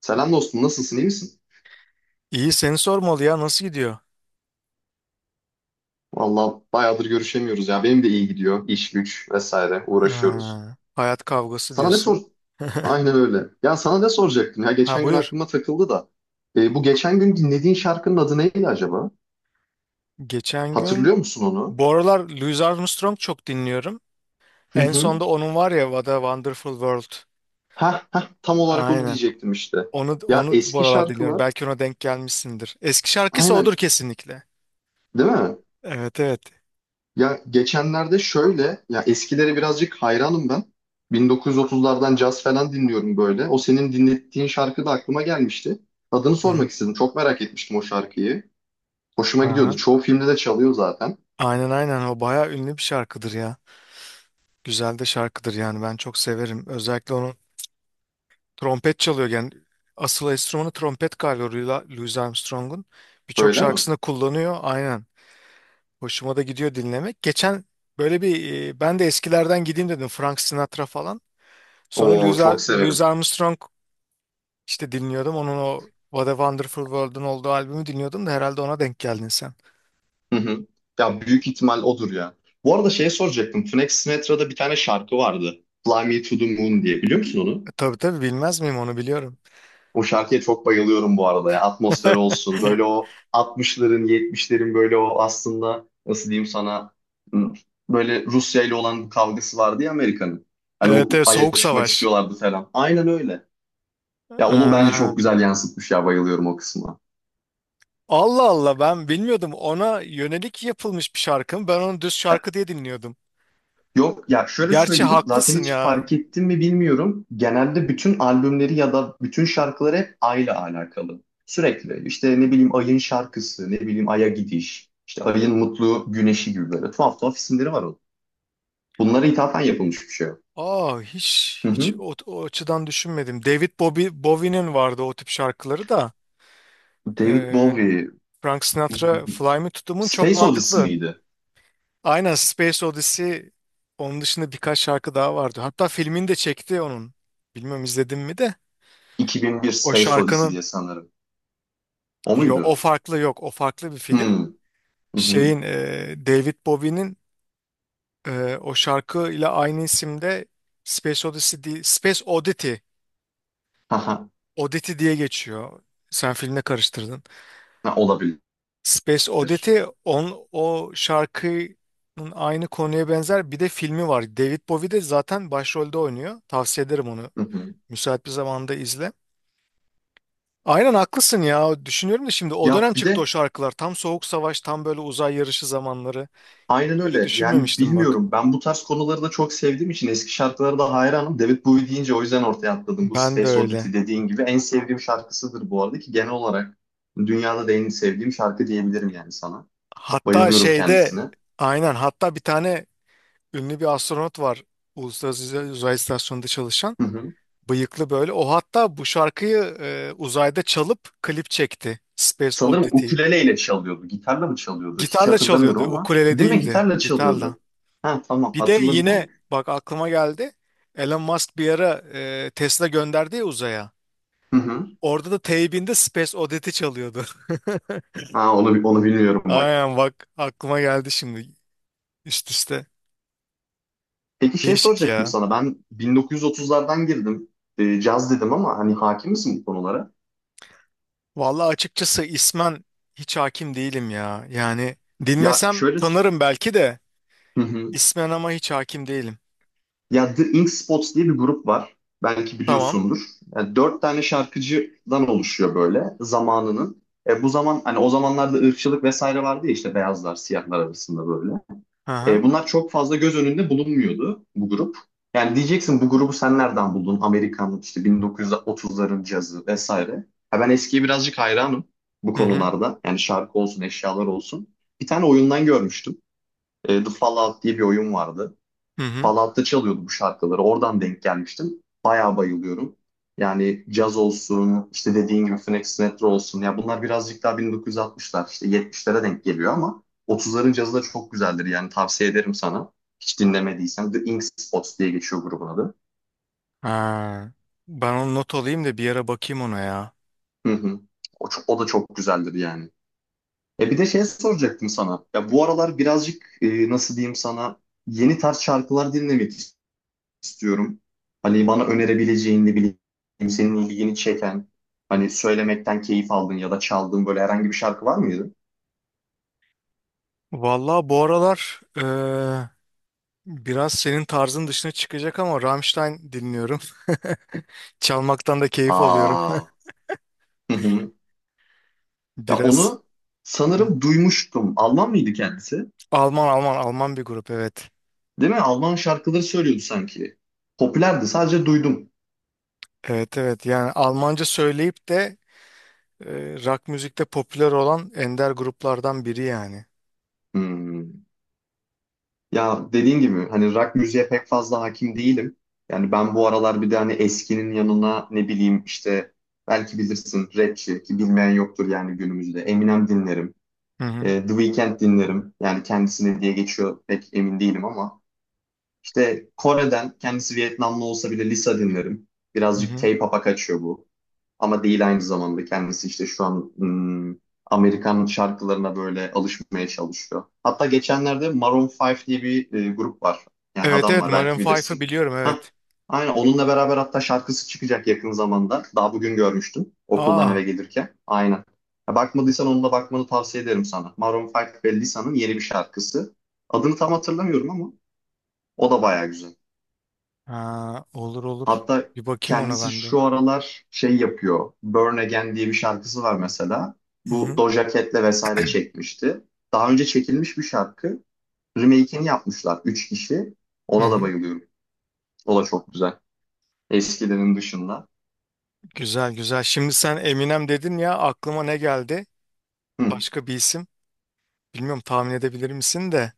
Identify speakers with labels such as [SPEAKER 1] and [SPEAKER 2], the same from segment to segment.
[SPEAKER 1] Selam dostum, nasılsın, iyi misin?
[SPEAKER 2] İyi seni sormalı ya, nasıl gidiyor?
[SPEAKER 1] Vallahi bayağıdır görüşemiyoruz ya. Benim de iyi gidiyor. İş, güç vesaire uğraşıyoruz.
[SPEAKER 2] Ha, hayat kavgası
[SPEAKER 1] Sana ne
[SPEAKER 2] diyorsun.
[SPEAKER 1] sor? Aynen öyle. Ya sana ne soracaktım? Ya
[SPEAKER 2] Ha,
[SPEAKER 1] geçen gün
[SPEAKER 2] buyur.
[SPEAKER 1] aklıma takıldı da. Bu geçen gün dinlediğin şarkının adı neydi acaba?
[SPEAKER 2] Geçen gün
[SPEAKER 1] Hatırlıyor musun onu?
[SPEAKER 2] Bu aralar Louis Armstrong çok dinliyorum.
[SPEAKER 1] Hı
[SPEAKER 2] En
[SPEAKER 1] hı.
[SPEAKER 2] sonda onun var ya, What a Wonderful World.
[SPEAKER 1] Hah hah tam olarak onu
[SPEAKER 2] Aynen.
[SPEAKER 1] diyecektim işte.
[SPEAKER 2] Onu
[SPEAKER 1] Ya
[SPEAKER 2] onu bu
[SPEAKER 1] eski
[SPEAKER 2] aralar dinliyorum.
[SPEAKER 1] şarkılar.
[SPEAKER 2] Belki ona denk gelmişsindir. Eski şarkısı odur
[SPEAKER 1] Aynen.
[SPEAKER 2] kesinlikle.
[SPEAKER 1] Değil mi?
[SPEAKER 2] Evet, evet.
[SPEAKER 1] Ya geçenlerde şöyle, ya eskilere birazcık hayranım ben. 1930'lardan caz falan dinliyorum böyle. O senin dinlettiğin şarkı da aklıma gelmişti. Adını
[SPEAKER 2] Hı-hı.
[SPEAKER 1] sormak istedim. Çok merak etmiştim o şarkıyı. Hoşuma gidiyordu.
[SPEAKER 2] Aha.
[SPEAKER 1] Çoğu filmde de çalıyor zaten.
[SPEAKER 2] Aynen, aynen, o bayağı ünlü bir şarkıdır ya. Güzel de şarkıdır yani, ben çok severim. Özellikle onun trompet çalıyor yani, asıl enstrümanı trompet galiba Louis Armstrong'un. Birçok
[SPEAKER 1] Öyle mi?
[SPEAKER 2] şarkısında kullanıyor aynen. Hoşuma da gidiyor dinlemek. Geçen böyle bir, ben de eskilerden gideyim dedim, Frank Sinatra falan. Sonra
[SPEAKER 1] Oo çok
[SPEAKER 2] Louis
[SPEAKER 1] severim.
[SPEAKER 2] Armstrong işte dinliyordum. Onun o What a Wonderful World'un olduğu albümü dinliyordum da herhalde ona denk geldin sen.
[SPEAKER 1] Hı hı. Ya büyük ihtimal odur ya. Bu arada şey soracaktım. Frank Sinatra'da bir tane şarkı vardı. Fly Me to the Moon diye. Biliyor musun onu?
[SPEAKER 2] Tabii, tabii, bilmez miyim, onu biliyorum.
[SPEAKER 1] O şarkıya çok bayılıyorum bu arada ya. Atmosfer olsun. Böyle o 60'ların, 70'lerin böyle o aslında nasıl diyeyim sana hmm, böyle Rusya ile olan bu kavgası vardı ya Amerika'nın. Hani o
[SPEAKER 2] Evet, evet,
[SPEAKER 1] Ay'a
[SPEAKER 2] Soğuk
[SPEAKER 1] çıkmak
[SPEAKER 2] Savaş.
[SPEAKER 1] istiyorlardı falan. Aynen öyle. Ya onu bence
[SPEAKER 2] Aa,
[SPEAKER 1] çok güzel yansıtmış ya bayılıyorum o kısma.
[SPEAKER 2] Allah Allah, ben bilmiyordum, ona yönelik yapılmış bir şarkı mı? Ben onu düz şarkı diye dinliyordum.
[SPEAKER 1] Yok ya şöyle
[SPEAKER 2] Gerçi
[SPEAKER 1] söyleyeyim zaten
[SPEAKER 2] haklısın
[SPEAKER 1] hiç
[SPEAKER 2] ya.
[SPEAKER 1] fark ettin mi bilmiyorum. Genelde bütün albümleri ya da bütün şarkıları hep ayla alakalı. Sürekli işte ne bileyim ayın şarkısı, ne bileyim aya gidiş, işte ayın mutlu güneşi gibi böyle tuhaf tuhaf isimleri var onun. Bunlara ithafen yapılmış bir şey. O.
[SPEAKER 2] Aa, hiç
[SPEAKER 1] Hı
[SPEAKER 2] hiç
[SPEAKER 1] hı.
[SPEAKER 2] o açıdan düşünmedim. David Bowie, Bowie'nin vardı o tip şarkıları da.
[SPEAKER 1] David
[SPEAKER 2] Ee,
[SPEAKER 1] Bowie,
[SPEAKER 2] Frank Sinatra
[SPEAKER 1] hmm,
[SPEAKER 2] Fly Me to the Moon çok
[SPEAKER 1] Space Odyssey
[SPEAKER 2] mantıklı.
[SPEAKER 1] miydi?
[SPEAKER 2] Aynen, Space Odyssey, onun dışında birkaç şarkı daha vardı. Hatta filmini de çekti onun. Bilmiyorum izledim mi de.
[SPEAKER 1] 2001
[SPEAKER 2] O
[SPEAKER 1] Space Odyssey
[SPEAKER 2] şarkının,
[SPEAKER 1] diye sanırım. O
[SPEAKER 2] yo, o
[SPEAKER 1] muydu?
[SPEAKER 2] farklı, yok o farklı bir film.
[SPEAKER 1] Hmm. Hı hı.
[SPEAKER 2] Şeyin, David Bowie'nin, o şarkı ile aynı isimde. Space Odyssey değil, Space Oddity,
[SPEAKER 1] Haha.
[SPEAKER 2] Oddity diye geçiyor. Sen filmle karıştırdın.
[SPEAKER 1] Ha, olabilir.
[SPEAKER 2] Space Oddity, o şarkının aynı konuya benzer bir de filmi var. David Bowie de zaten başrolde oynuyor. Tavsiye ederim onu.
[SPEAKER 1] Hı hı.
[SPEAKER 2] Müsait bir zamanda izle. Aynen, haklısın ya. Düşünüyorum da şimdi o
[SPEAKER 1] Ya
[SPEAKER 2] dönem
[SPEAKER 1] bir
[SPEAKER 2] çıktı o
[SPEAKER 1] de
[SPEAKER 2] şarkılar. Tam Soğuk Savaş, tam böyle uzay yarışı zamanları.
[SPEAKER 1] Aynen
[SPEAKER 2] Hiç öyle
[SPEAKER 1] öyle. Yani
[SPEAKER 2] düşünmemiştim bak.
[SPEAKER 1] bilmiyorum. Ben bu tarz konuları da çok sevdiğim için eski şarkılara da hayranım. David Bowie deyince o yüzden ortaya atladım. Bu
[SPEAKER 2] Ben de
[SPEAKER 1] Space
[SPEAKER 2] öyle.
[SPEAKER 1] Oddity dediğin gibi en sevdiğim şarkısıdır bu arada ki genel olarak dünyada da en sevdiğim şarkı diyebilirim yani sana.
[SPEAKER 2] Hatta
[SPEAKER 1] Bayılıyorum
[SPEAKER 2] şeyde
[SPEAKER 1] kendisine.
[SPEAKER 2] aynen, hatta bir tane ünlü bir astronot var. Uluslararası Uzay İstasyonu'nda çalışan.
[SPEAKER 1] Hı hı.
[SPEAKER 2] Bıyıklı böyle. O hatta bu şarkıyı uzayda çalıp klip çekti. Space
[SPEAKER 1] Sanırım
[SPEAKER 2] Oddity.
[SPEAKER 1] ukuleleyle çalıyordu. Gitarla mı çalıyordu? Hiç
[SPEAKER 2] Gitarla çalıyordu.
[SPEAKER 1] hatırlamıyorum ama.
[SPEAKER 2] Ukulele
[SPEAKER 1] Değil mi?
[SPEAKER 2] değildi.
[SPEAKER 1] Gitarla
[SPEAKER 2] Gitarla.
[SPEAKER 1] çalıyordu. Ha tamam
[SPEAKER 2] Bir de
[SPEAKER 1] hatırladım onu.
[SPEAKER 2] yine bak, aklıma geldi. Elon Musk bir ara Tesla gönderdi ya uzaya.
[SPEAKER 1] Hı hı.
[SPEAKER 2] Orada da teybinde Space Oddity çalıyordu.
[SPEAKER 1] Ha onu, onu bilmiyorum bak.
[SPEAKER 2] Aynen, bak aklıma geldi şimdi. Üst üste.
[SPEAKER 1] Peki şey
[SPEAKER 2] Değişik
[SPEAKER 1] soracaktım
[SPEAKER 2] ya.
[SPEAKER 1] sana. Ben 1930'lardan girdim. Caz dedim ama hani hakim misin bu konulara?
[SPEAKER 2] Vallahi açıkçası ismen hiç hakim değilim ya. Yani
[SPEAKER 1] Ya
[SPEAKER 2] dinlesem
[SPEAKER 1] şöyle
[SPEAKER 2] tanırım belki de
[SPEAKER 1] hı hı.
[SPEAKER 2] ismen, ama hiç hakim değilim.
[SPEAKER 1] Ya The Ink Spots diye bir grup var. Belki
[SPEAKER 2] Tamam.
[SPEAKER 1] biliyorsundur. Yani dört tane şarkıcıdan oluşuyor böyle zamanının. Bu zaman hani o zamanlarda ırkçılık vesaire vardı ya işte beyazlar siyahlar arasında böyle.
[SPEAKER 2] Aha.
[SPEAKER 1] Bunlar çok fazla göz önünde bulunmuyordu bu grup. Yani diyeceksin bu grubu sen nereden buldun? Amerikanlık işte 1930'ların cazı vesaire. Ha, ben eskiye birazcık hayranım bu
[SPEAKER 2] Hı. Hı hı.
[SPEAKER 1] konularda. Yani şarkı olsun, eşyalar olsun. Bir tane oyundan görmüştüm. The Fallout diye bir oyun vardı.
[SPEAKER 2] Hı hı.
[SPEAKER 1] Fallout'ta çalıyordu bu şarkıları. Oradan denk gelmiştim. Bayağı bayılıyorum. Yani caz olsun, işte dediğin gibi Phoenix Sinatra olsun. Ya bunlar birazcık daha 1960'lar, işte 70'lere denk geliyor ama 30'ların cazı da çok güzeldir. Yani tavsiye ederim sana. Hiç dinlemediysen The Ink Spots diye geçiyor grubun adı.
[SPEAKER 2] Ha. Ben onu not alayım da bir yere bakayım ona ya.
[SPEAKER 1] Hı hı. O da çok güzeldir yani. Bir de şey soracaktım sana. Ya bu aralar birazcık nasıl diyeyim sana yeni tarz şarkılar dinlemek istiyorum. Hani bana önerebileceğin ne bileyim senin ilgini çeken hani söylemekten keyif aldığın ya da çaldığın böyle herhangi bir şarkı var mıydı?
[SPEAKER 2] Vallahi bu aralar biraz senin tarzın dışına çıkacak ama Rammstein dinliyorum. Çalmaktan da keyif alıyorum.
[SPEAKER 1] Aa. Hı hı. Ya
[SPEAKER 2] Biraz.
[SPEAKER 1] onu
[SPEAKER 2] Hı.
[SPEAKER 1] sanırım duymuştum. Alman mıydı kendisi?
[SPEAKER 2] Alman, Alman, Alman bir grup, evet.
[SPEAKER 1] Değil mi? Alman şarkıları söylüyordu sanki. Popülerdi sadece duydum.
[SPEAKER 2] Evet, evet, yani Almanca söyleyip de rock müzikte popüler olan ender gruplardan biri yani.
[SPEAKER 1] Hmm. Ya dediğin gibi hani rock müziğe pek fazla hakim değilim. Yani ben bu aralar bir de hani eskinin yanına ne bileyim işte belki bilirsin rapçi ki bilmeyen yoktur yani günümüzde. Eminem dinlerim.
[SPEAKER 2] Hı hı.
[SPEAKER 1] The Weeknd dinlerim. Yani kendisine diye geçiyor pek emin değilim ama. İşte Kore'den kendisi Vietnamlı olsa bile Lisa dinlerim.
[SPEAKER 2] Hı
[SPEAKER 1] Birazcık
[SPEAKER 2] hı.
[SPEAKER 1] K-pop'a kaçıyor bu. Ama değil aynı zamanda kendisi işte şu an Amerikan şarkılarına böyle alışmaya çalışıyor. Hatta geçenlerde Maroon 5 diye bir grup var. Yani
[SPEAKER 2] Evet,
[SPEAKER 1] adam
[SPEAKER 2] evet,
[SPEAKER 1] var belki
[SPEAKER 2] Maroon 5'ı
[SPEAKER 1] bilirsin.
[SPEAKER 2] biliyorum,
[SPEAKER 1] Hah,
[SPEAKER 2] evet.
[SPEAKER 1] aynen onunla beraber hatta şarkısı çıkacak yakın zamanda. Daha bugün görmüştüm okuldan eve
[SPEAKER 2] Aa,
[SPEAKER 1] gelirken. Aynen. Ya bakmadıysan onunla bakmanı tavsiye ederim sana. Maroon 5 ve Lisa'nın yeni bir şarkısı. Adını tam hatırlamıyorum ama o da bayağı güzel.
[SPEAKER 2] ha, olur olur.
[SPEAKER 1] Hatta
[SPEAKER 2] Bir bakayım ona
[SPEAKER 1] kendisi
[SPEAKER 2] ben de.
[SPEAKER 1] şu aralar şey yapıyor. Burn Again diye bir şarkısı var mesela.
[SPEAKER 2] Hı
[SPEAKER 1] Bu
[SPEAKER 2] hı.
[SPEAKER 1] Doja Cat'le vesaire çekmişti. Daha önce çekilmiş bir şarkı. Remake'ini yapmışlar. Üç kişi.
[SPEAKER 2] Hı
[SPEAKER 1] Ona da
[SPEAKER 2] hı.
[SPEAKER 1] bayılıyorum. O da çok güzel. Eskilerin dışında.
[SPEAKER 2] Güzel, güzel. Şimdi sen Eminem dedin ya, aklıma ne geldi?
[SPEAKER 1] Hı.
[SPEAKER 2] Başka bir isim. Bilmiyorum, tahmin edebilir misin de.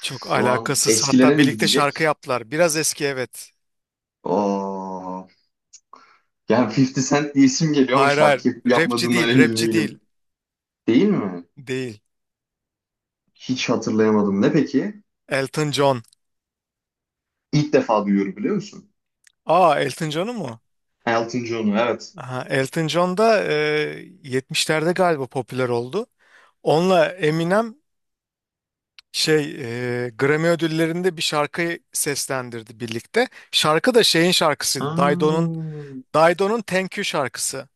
[SPEAKER 2] Çok
[SPEAKER 1] an
[SPEAKER 2] alakasız. Hatta
[SPEAKER 1] eskilere mi
[SPEAKER 2] birlikte şarkı
[SPEAKER 1] gidecek?
[SPEAKER 2] yaptılar. Biraz eski, evet.
[SPEAKER 1] Oo. Yani 50 Cent diye isim geliyor ama
[SPEAKER 2] Hayır, hayır.
[SPEAKER 1] şarkı yapıp
[SPEAKER 2] Rapçi
[SPEAKER 1] yapmadığından
[SPEAKER 2] değil,
[SPEAKER 1] emin
[SPEAKER 2] rapçi değil.
[SPEAKER 1] değilim. Değil mi?
[SPEAKER 2] Değil.
[SPEAKER 1] Hiç hatırlayamadım. Ne peki?
[SPEAKER 2] Elton John.
[SPEAKER 1] İlk defa duyuyorum biliyor musun?
[SPEAKER 2] Aa, Elton John'u mu?
[SPEAKER 1] Elton John'u evet.
[SPEAKER 2] Aha, Elton John da 70'lerde galiba popüler oldu. Onunla Eminem, şey Grammy ödüllerinde bir şarkıyı seslendirdi birlikte. Şarkı da şeyin
[SPEAKER 1] Ha.
[SPEAKER 2] şarkısıydı. Dido'nun Thank You şarkısı.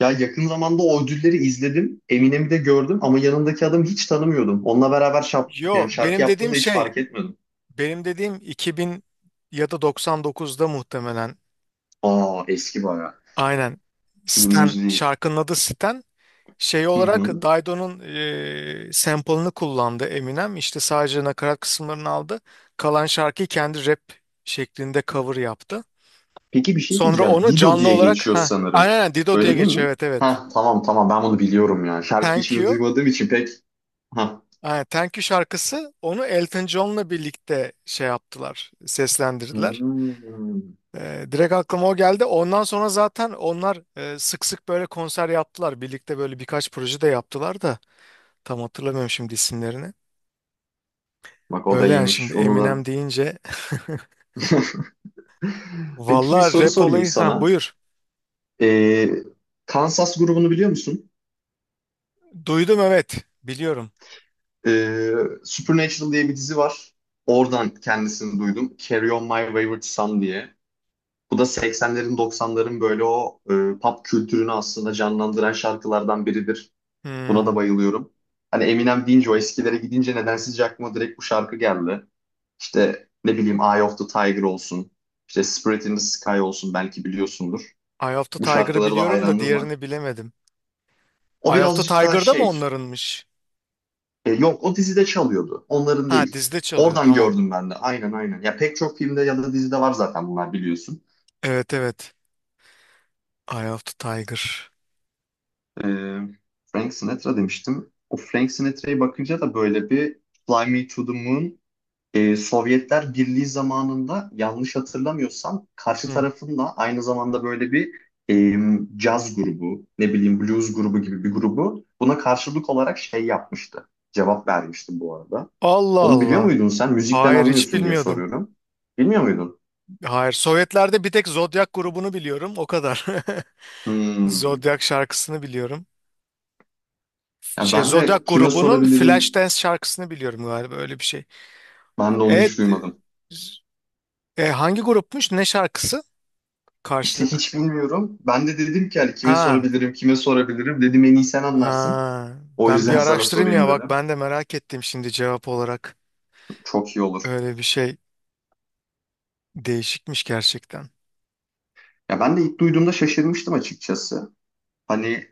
[SPEAKER 1] Ya yakın zamanda o ödülleri izledim. Eminem'i de gördüm ama yanındaki adamı hiç tanımıyordum. Onunla beraber
[SPEAKER 2] Yo,
[SPEAKER 1] yani şarkı yaptığında hiç fark etmedim.
[SPEAKER 2] benim dediğim 2000 ya da 99'da muhtemelen.
[SPEAKER 1] Aa eski bayağı.
[SPEAKER 2] Aynen, Stan,
[SPEAKER 1] Günümüz değil.
[SPEAKER 2] şarkının adı Stan. Şey
[SPEAKER 1] Hı
[SPEAKER 2] olarak
[SPEAKER 1] hı.
[SPEAKER 2] Dido'nun sample'ını kullandı Eminem. İşte sadece nakarat kısımlarını aldı. Kalan şarkıyı kendi rap şeklinde cover yaptı.
[SPEAKER 1] Peki bir şey
[SPEAKER 2] Sonra
[SPEAKER 1] diyeceğim.
[SPEAKER 2] onu
[SPEAKER 1] Dido
[SPEAKER 2] canlı
[SPEAKER 1] diye
[SPEAKER 2] olarak,
[SPEAKER 1] geçiyor
[SPEAKER 2] ha, aynen,
[SPEAKER 1] sanırım.
[SPEAKER 2] aynen, Dido diye
[SPEAKER 1] Öyle değil
[SPEAKER 2] geçiyor,
[SPEAKER 1] mi?
[SPEAKER 2] evet, evet.
[SPEAKER 1] Ha tamam tamam ben bunu biliyorum ya. Şarkıyı
[SPEAKER 2] Thank
[SPEAKER 1] şimdi
[SPEAKER 2] You.
[SPEAKER 1] duymadığım için pek. Ha.
[SPEAKER 2] Aynen, Thank You şarkısı, onu Elton John'la birlikte şey yaptılar, seslendirdiler.
[SPEAKER 1] Hmm.
[SPEAKER 2] Direkt aklıma o geldi. Ondan sonra zaten onlar, sık sık böyle konser yaptılar. Birlikte böyle birkaç proje de yaptılar da tam hatırlamıyorum şimdi isimlerini.
[SPEAKER 1] Bak o da
[SPEAKER 2] Öyle yani, şimdi
[SPEAKER 1] iyiymiş. Onu
[SPEAKER 2] Eminem
[SPEAKER 1] da.
[SPEAKER 2] deyince.
[SPEAKER 1] Peki bir
[SPEAKER 2] Vallahi
[SPEAKER 1] soru
[SPEAKER 2] rap
[SPEAKER 1] sorayım
[SPEAKER 2] olayı. Ha,
[SPEAKER 1] sana.
[SPEAKER 2] buyur.
[SPEAKER 1] Ee, Kansas grubunu biliyor musun?
[SPEAKER 2] Duydum, evet. Biliyorum.
[SPEAKER 1] Ee, Supernatural diye bir dizi var. Oradan kendisini duydum. Carry On My Wayward Son diye. Bu da 80'lerin 90'ların böyle o pop kültürünü aslında canlandıran şarkılardan biridir. Buna da
[SPEAKER 2] Hmm.
[SPEAKER 1] bayılıyorum. Hani Eminem deyince o eskilere gidince nedensizce aklıma direkt bu şarkı geldi. İşte ne bileyim Eye of the Tiger olsun. İşte Spirit in the Sky olsun belki biliyorsundur.
[SPEAKER 2] Eye of the
[SPEAKER 1] Bu
[SPEAKER 2] Tiger'ı
[SPEAKER 1] şarkılara da
[SPEAKER 2] biliyorum da
[SPEAKER 1] hayranlığım var.
[SPEAKER 2] diğerini bilemedim.
[SPEAKER 1] O
[SPEAKER 2] Eye of the
[SPEAKER 1] birazcık daha
[SPEAKER 2] Tiger'da mı
[SPEAKER 1] şey.
[SPEAKER 2] onlarınmış?
[SPEAKER 1] Yok o dizide çalıyordu. Onların
[SPEAKER 2] Ha,
[SPEAKER 1] değil.
[SPEAKER 2] dizde çalıyor,
[SPEAKER 1] Oradan
[SPEAKER 2] tamam.
[SPEAKER 1] gördüm ben de. Aynen aynen. Ya pek çok filmde ya da dizide var zaten bunlar biliyorsun.
[SPEAKER 2] Evet, evet. Eye of the Tiger.
[SPEAKER 1] E, Frank Sinatra demiştim. O Frank Sinatra'ya bakınca da böyle bir Fly Me to the Moon Sovyetler Birliği zamanında yanlış hatırlamıyorsam karşı
[SPEAKER 2] Hı.
[SPEAKER 1] tarafında aynı zamanda böyle bir e, caz grubu, ne bileyim blues grubu gibi bir grubu buna karşılık olarak şey yapmıştı. Cevap vermiştim bu arada.
[SPEAKER 2] Allah
[SPEAKER 1] Onu biliyor
[SPEAKER 2] Allah.
[SPEAKER 1] muydun sen? Müzikten
[SPEAKER 2] Hayır, hiç
[SPEAKER 1] anlıyorsun diye
[SPEAKER 2] bilmiyordum.
[SPEAKER 1] soruyorum. Bilmiyor muydun?
[SPEAKER 2] Hayır, Sovyetlerde bir tek Zodiac grubunu biliyorum, o kadar.
[SPEAKER 1] Hmm.
[SPEAKER 2] Zodiac şarkısını biliyorum.
[SPEAKER 1] Ya
[SPEAKER 2] Şey,
[SPEAKER 1] ben
[SPEAKER 2] Zodiac
[SPEAKER 1] de kime
[SPEAKER 2] grubunun
[SPEAKER 1] sorabilirim?
[SPEAKER 2] Flashdance şarkısını biliyorum galiba, öyle bir şey.
[SPEAKER 1] Ben de onu
[SPEAKER 2] Evet.
[SPEAKER 1] hiç duymadım.
[SPEAKER 2] Hangi grupmuş? Ne şarkısı?
[SPEAKER 1] İşte
[SPEAKER 2] Karşılık.
[SPEAKER 1] hiç bilmiyorum. Ben de dedim ki hani kime
[SPEAKER 2] Ha.
[SPEAKER 1] sorabilirim, kime sorabilirim. Dedim en iyi sen anlarsın.
[SPEAKER 2] Ha.
[SPEAKER 1] O
[SPEAKER 2] Ben bir
[SPEAKER 1] yüzden sana
[SPEAKER 2] araştırayım
[SPEAKER 1] sorayım
[SPEAKER 2] ya, bak
[SPEAKER 1] dedim.
[SPEAKER 2] ben de merak ettim şimdi cevap olarak.
[SPEAKER 1] Çok iyi olur.
[SPEAKER 2] Öyle bir şey, değişikmiş gerçekten.
[SPEAKER 1] Ya ben de ilk duyduğumda şaşırmıştım açıkçası. Hani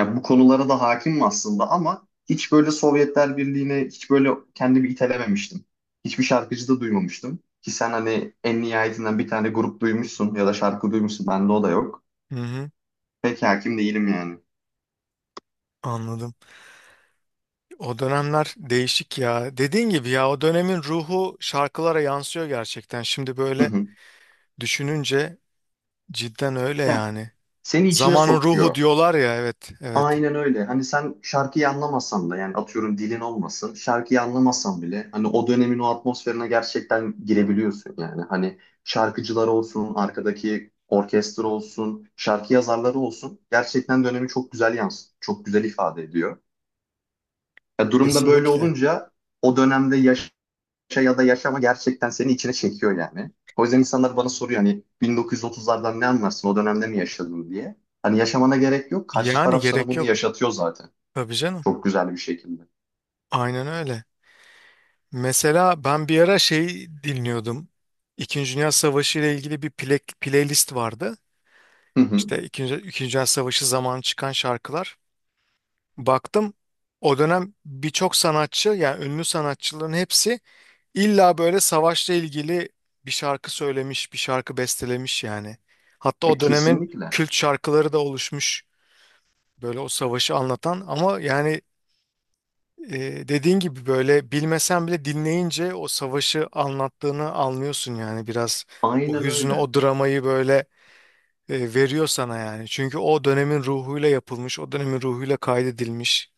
[SPEAKER 1] ya bu konulara da hakimim aslında ama hiç böyle Sovyetler Birliği'ne hiç böyle kendimi itelememiştim. Hiçbir şarkıcı da duymamıştım. Ki sen hani en nihayetinden bir tane grup duymuşsun ya da şarkı duymuşsun. Bende o da yok.
[SPEAKER 2] Hı hı.
[SPEAKER 1] Pek hakim değilim yani.
[SPEAKER 2] Anladım. O dönemler değişik ya. Dediğin gibi ya, o dönemin ruhu şarkılara yansıyor gerçekten. Şimdi
[SPEAKER 1] Hı
[SPEAKER 2] böyle
[SPEAKER 1] hı.
[SPEAKER 2] düşününce cidden öyle
[SPEAKER 1] Ya
[SPEAKER 2] yani.
[SPEAKER 1] seni içine
[SPEAKER 2] Zamanın ruhu
[SPEAKER 1] sokuyor.
[SPEAKER 2] diyorlar ya, evet, evet,
[SPEAKER 1] Aynen öyle. Hani sen şarkıyı anlamasan da yani atıyorum dilin olmasın. Şarkıyı anlamasan bile hani o dönemin o atmosferine gerçekten girebiliyorsun yani. Hani şarkıcılar olsun, arkadaki orkestra olsun, şarkı yazarları olsun. Gerçekten dönemi çok güzel yansıtıyor. Çok güzel ifade ediyor. Ya durumda böyle
[SPEAKER 2] kesinlikle.
[SPEAKER 1] olunca o dönemde ya da yaşama gerçekten seni içine çekiyor yani. O yüzden insanlar bana soruyor hani 1930'lardan ne anlarsın o dönemde mi yaşadın diye. Hani yaşamana gerek yok. Karşı
[SPEAKER 2] Yani
[SPEAKER 1] taraf sana
[SPEAKER 2] gerek
[SPEAKER 1] bunu
[SPEAKER 2] yok.
[SPEAKER 1] yaşatıyor zaten.
[SPEAKER 2] Tabii canım.
[SPEAKER 1] Çok güzel bir şekilde.
[SPEAKER 2] Aynen öyle. Mesela ben bir ara şey dinliyordum. İkinci Dünya Savaşı ile ilgili bir playlist vardı.
[SPEAKER 1] Hı hı.
[SPEAKER 2] İşte İkinci Dünya Savaşı zamanı çıkan şarkılar. Baktım, o dönem birçok sanatçı, yani ünlü sanatçıların hepsi illa böyle savaşla ilgili bir şarkı söylemiş, bir şarkı bestelemiş yani. Hatta o dönemin
[SPEAKER 1] Kesinlikle.
[SPEAKER 2] kült şarkıları da oluşmuş böyle, o savaşı anlatan, ama yani, dediğin gibi böyle bilmesen bile dinleyince o savaşı anlattığını anlıyorsun yani, biraz o
[SPEAKER 1] Aynen
[SPEAKER 2] hüznü,
[SPEAKER 1] öyle.
[SPEAKER 2] o dramayı böyle veriyor sana yani. Çünkü o dönemin ruhuyla yapılmış, o dönemin ruhuyla kaydedilmiş.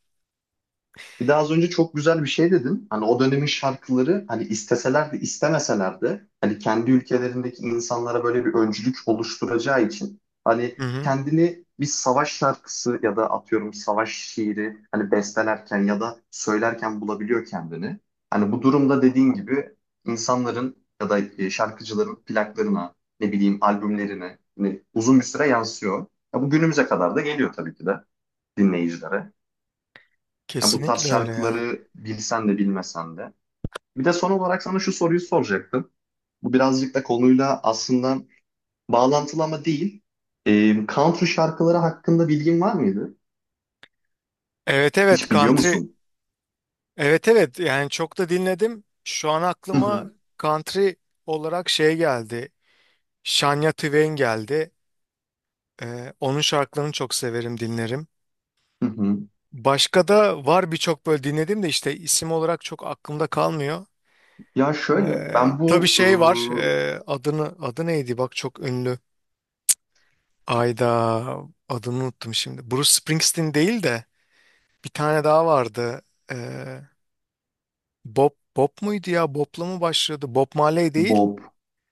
[SPEAKER 1] Bir daha az önce çok güzel bir şey dedin. Hani o dönemin şarkıları hani isteseler de istemeseler de hani kendi ülkelerindeki insanlara böyle bir öncülük oluşturacağı için hani
[SPEAKER 2] Hı hı,
[SPEAKER 1] kendini bir savaş şarkısı ya da atıyorum savaş şiiri hani bestelerken ya da söylerken bulabiliyor kendini. Hani bu durumda dediğin gibi insanların ya da şarkıcıların plaklarına ne bileyim albümlerine hani uzun bir süre yansıyor. Ya bu günümüze kadar da geliyor tabii ki de dinleyicilere. Yani bu tarz
[SPEAKER 2] kesinlikle öyle ya.
[SPEAKER 1] şarkıları bilsen de bilmesen de. Bir de son olarak sana şu soruyu soracaktım. Bu birazcık da konuyla aslında bağlantılı ama değil. Country şarkıları hakkında bilgin var mıydı?
[SPEAKER 2] Evet, evet,
[SPEAKER 1] Hiç biliyor
[SPEAKER 2] country.
[SPEAKER 1] musun?
[SPEAKER 2] Evet, evet, yani çok da dinledim. Şu an
[SPEAKER 1] Hı
[SPEAKER 2] aklıma
[SPEAKER 1] hı,
[SPEAKER 2] country olarak şey geldi, Shania Twain geldi. Onun şarkılarını çok severim, dinlerim.
[SPEAKER 1] hı hı.
[SPEAKER 2] Başka da var, birçok böyle dinledim de işte isim olarak çok aklımda kalmıyor.
[SPEAKER 1] Ya şöyle, ben
[SPEAKER 2] Tabii
[SPEAKER 1] bu
[SPEAKER 2] şey var. Adı neydi? Bak çok ünlü. Ayda, adını unuttum şimdi. Bruce Springsteen değil de bir tane daha vardı. Ee, Bob muydu ya? Bob'la mı başladı? Bob Marley
[SPEAKER 1] e,
[SPEAKER 2] değil.
[SPEAKER 1] Bob,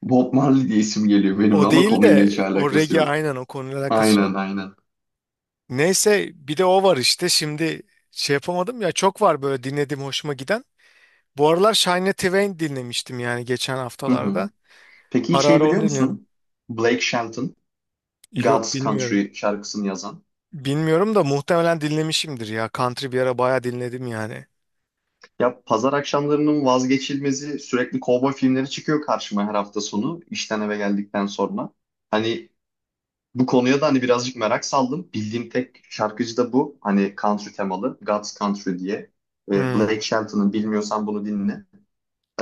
[SPEAKER 1] Bob Marley diye isim geliyor benimle
[SPEAKER 2] O
[SPEAKER 1] ama
[SPEAKER 2] değil
[SPEAKER 1] konuyla
[SPEAKER 2] de
[SPEAKER 1] hiç
[SPEAKER 2] o
[SPEAKER 1] alakası
[SPEAKER 2] regi,
[SPEAKER 1] yok.
[SPEAKER 2] aynen, o konuyla alakası yok.
[SPEAKER 1] Aynen, aynen.
[SPEAKER 2] Neyse bir de o var işte, şimdi şey yapamadım ya, çok var böyle dinlediğim hoşuma giden. Bu aralar Shania Twain dinlemiştim yani, geçen
[SPEAKER 1] Hı hı.
[SPEAKER 2] haftalarda.
[SPEAKER 1] Peki hiç
[SPEAKER 2] Ara
[SPEAKER 1] şey
[SPEAKER 2] ara onu
[SPEAKER 1] biliyor
[SPEAKER 2] dinliyorum.
[SPEAKER 1] musun? Blake Shelton,
[SPEAKER 2] Yok,
[SPEAKER 1] God's
[SPEAKER 2] bilmiyorum.
[SPEAKER 1] Country şarkısını yazan.
[SPEAKER 2] Bilmiyorum da muhtemelen dinlemişimdir ya. Country bir ara bayağı dinledim yani.
[SPEAKER 1] Ya pazar akşamlarının vazgeçilmezi sürekli kovboy filmleri çıkıyor karşıma her hafta sonu işten eve geldikten sonra. Hani bu konuya da hani birazcık merak saldım. Bildiğim tek şarkıcı da bu. Hani country temalı. God's Country diye.
[SPEAKER 2] Hmm,
[SPEAKER 1] Blake Shelton'ın bilmiyorsan bunu dinle.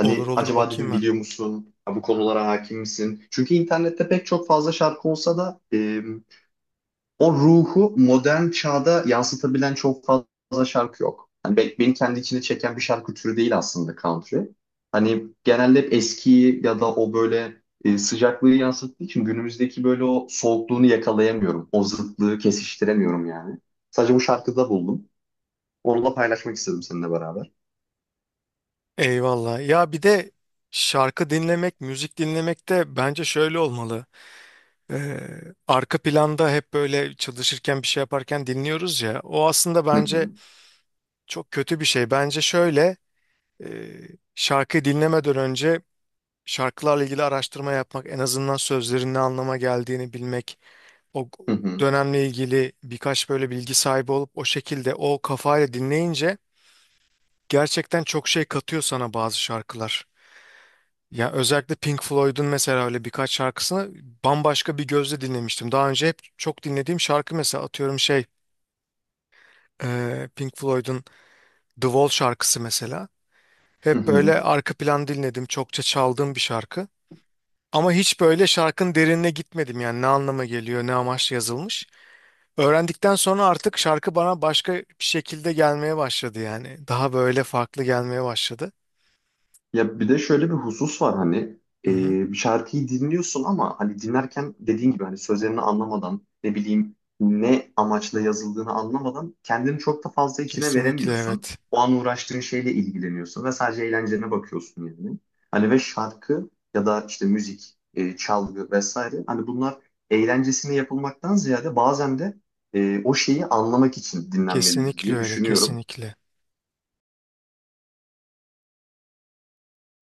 [SPEAKER 2] olur olur,
[SPEAKER 1] acaba
[SPEAKER 2] bakayım
[SPEAKER 1] dedim
[SPEAKER 2] ben.
[SPEAKER 1] biliyor musun? Ya bu konulara hakim misin? Çünkü internette pek çok fazla şarkı olsa da o ruhu modern çağda yansıtabilen çok fazla şarkı yok. Hani beni kendi içine çeken bir şarkı türü değil aslında country. Hani genelde hep eskiyi ya da o böyle sıcaklığı yansıttığı için günümüzdeki böyle o soğukluğunu yakalayamıyorum. O zıtlığı kesiştiremiyorum yani. Sadece bu şarkıda buldum. Onu da paylaşmak istedim seninle beraber.
[SPEAKER 2] Eyvallah. Ya bir de şarkı dinlemek, müzik dinlemek de bence şöyle olmalı. Ee, Arka planda hep böyle çalışırken bir şey yaparken dinliyoruz ya. O aslında
[SPEAKER 1] Hı
[SPEAKER 2] bence
[SPEAKER 1] hı,
[SPEAKER 2] çok kötü bir şey. Bence şöyle, e, şarkıyı dinlemeden önce şarkılarla ilgili araştırma yapmak, en azından sözlerin ne anlama geldiğini bilmek, o
[SPEAKER 1] hı hı,
[SPEAKER 2] dönemle ilgili birkaç böyle bilgi sahibi olup o şekilde o kafayla dinleyince gerçekten çok şey katıyor sana bazı şarkılar. Ya özellikle Pink Floyd'un mesela öyle birkaç şarkısını bambaşka bir gözle dinlemiştim. Daha önce hep çok dinlediğim şarkı, mesela atıyorum şey, Pink Floyd'un The Wall şarkısı mesela.
[SPEAKER 1] hı
[SPEAKER 2] Hep
[SPEAKER 1] hı.
[SPEAKER 2] böyle arka plan dinledim. Çokça çaldığım bir şarkı. Ama hiç böyle şarkının derinine gitmedim yani, ne anlama geliyor, ne amaçla yazılmış. Öğrendikten sonra artık şarkı bana başka bir şekilde gelmeye başladı yani. Daha böyle farklı gelmeye başladı.
[SPEAKER 1] Ya bir de şöyle bir husus var hani
[SPEAKER 2] Hı hı.
[SPEAKER 1] e, bir şarkıyı dinliyorsun ama hani dinlerken dediğin gibi hani sözlerini anlamadan ne bileyim ne amaçla yazıldığını anlamadan kendini çok da fazla içine
[SPEAKER 2] Kesinlikle,
[SPEAKER 1] veremiyorsun.
[SPEAKER 2] evet.
[SPEAKER 1] O an uğraştığın şeyle ilgileniyorsun ve sadece eğlencene bakıyorsun yani. Hani ve şarkı ya da işte müzik, çalgı vesaire hani bunlar eğlencesine yapılmaktan ziyade bazen de o şeyi anlamak için dinlenmelidir
[SPEAKER 2] Kesinlikle
[SPEAKER 1] diye
[SPEAKER 2] öyle,
[SPEAKER 1] düşünüyorum.
[SPEAKER 2] kesinlikle.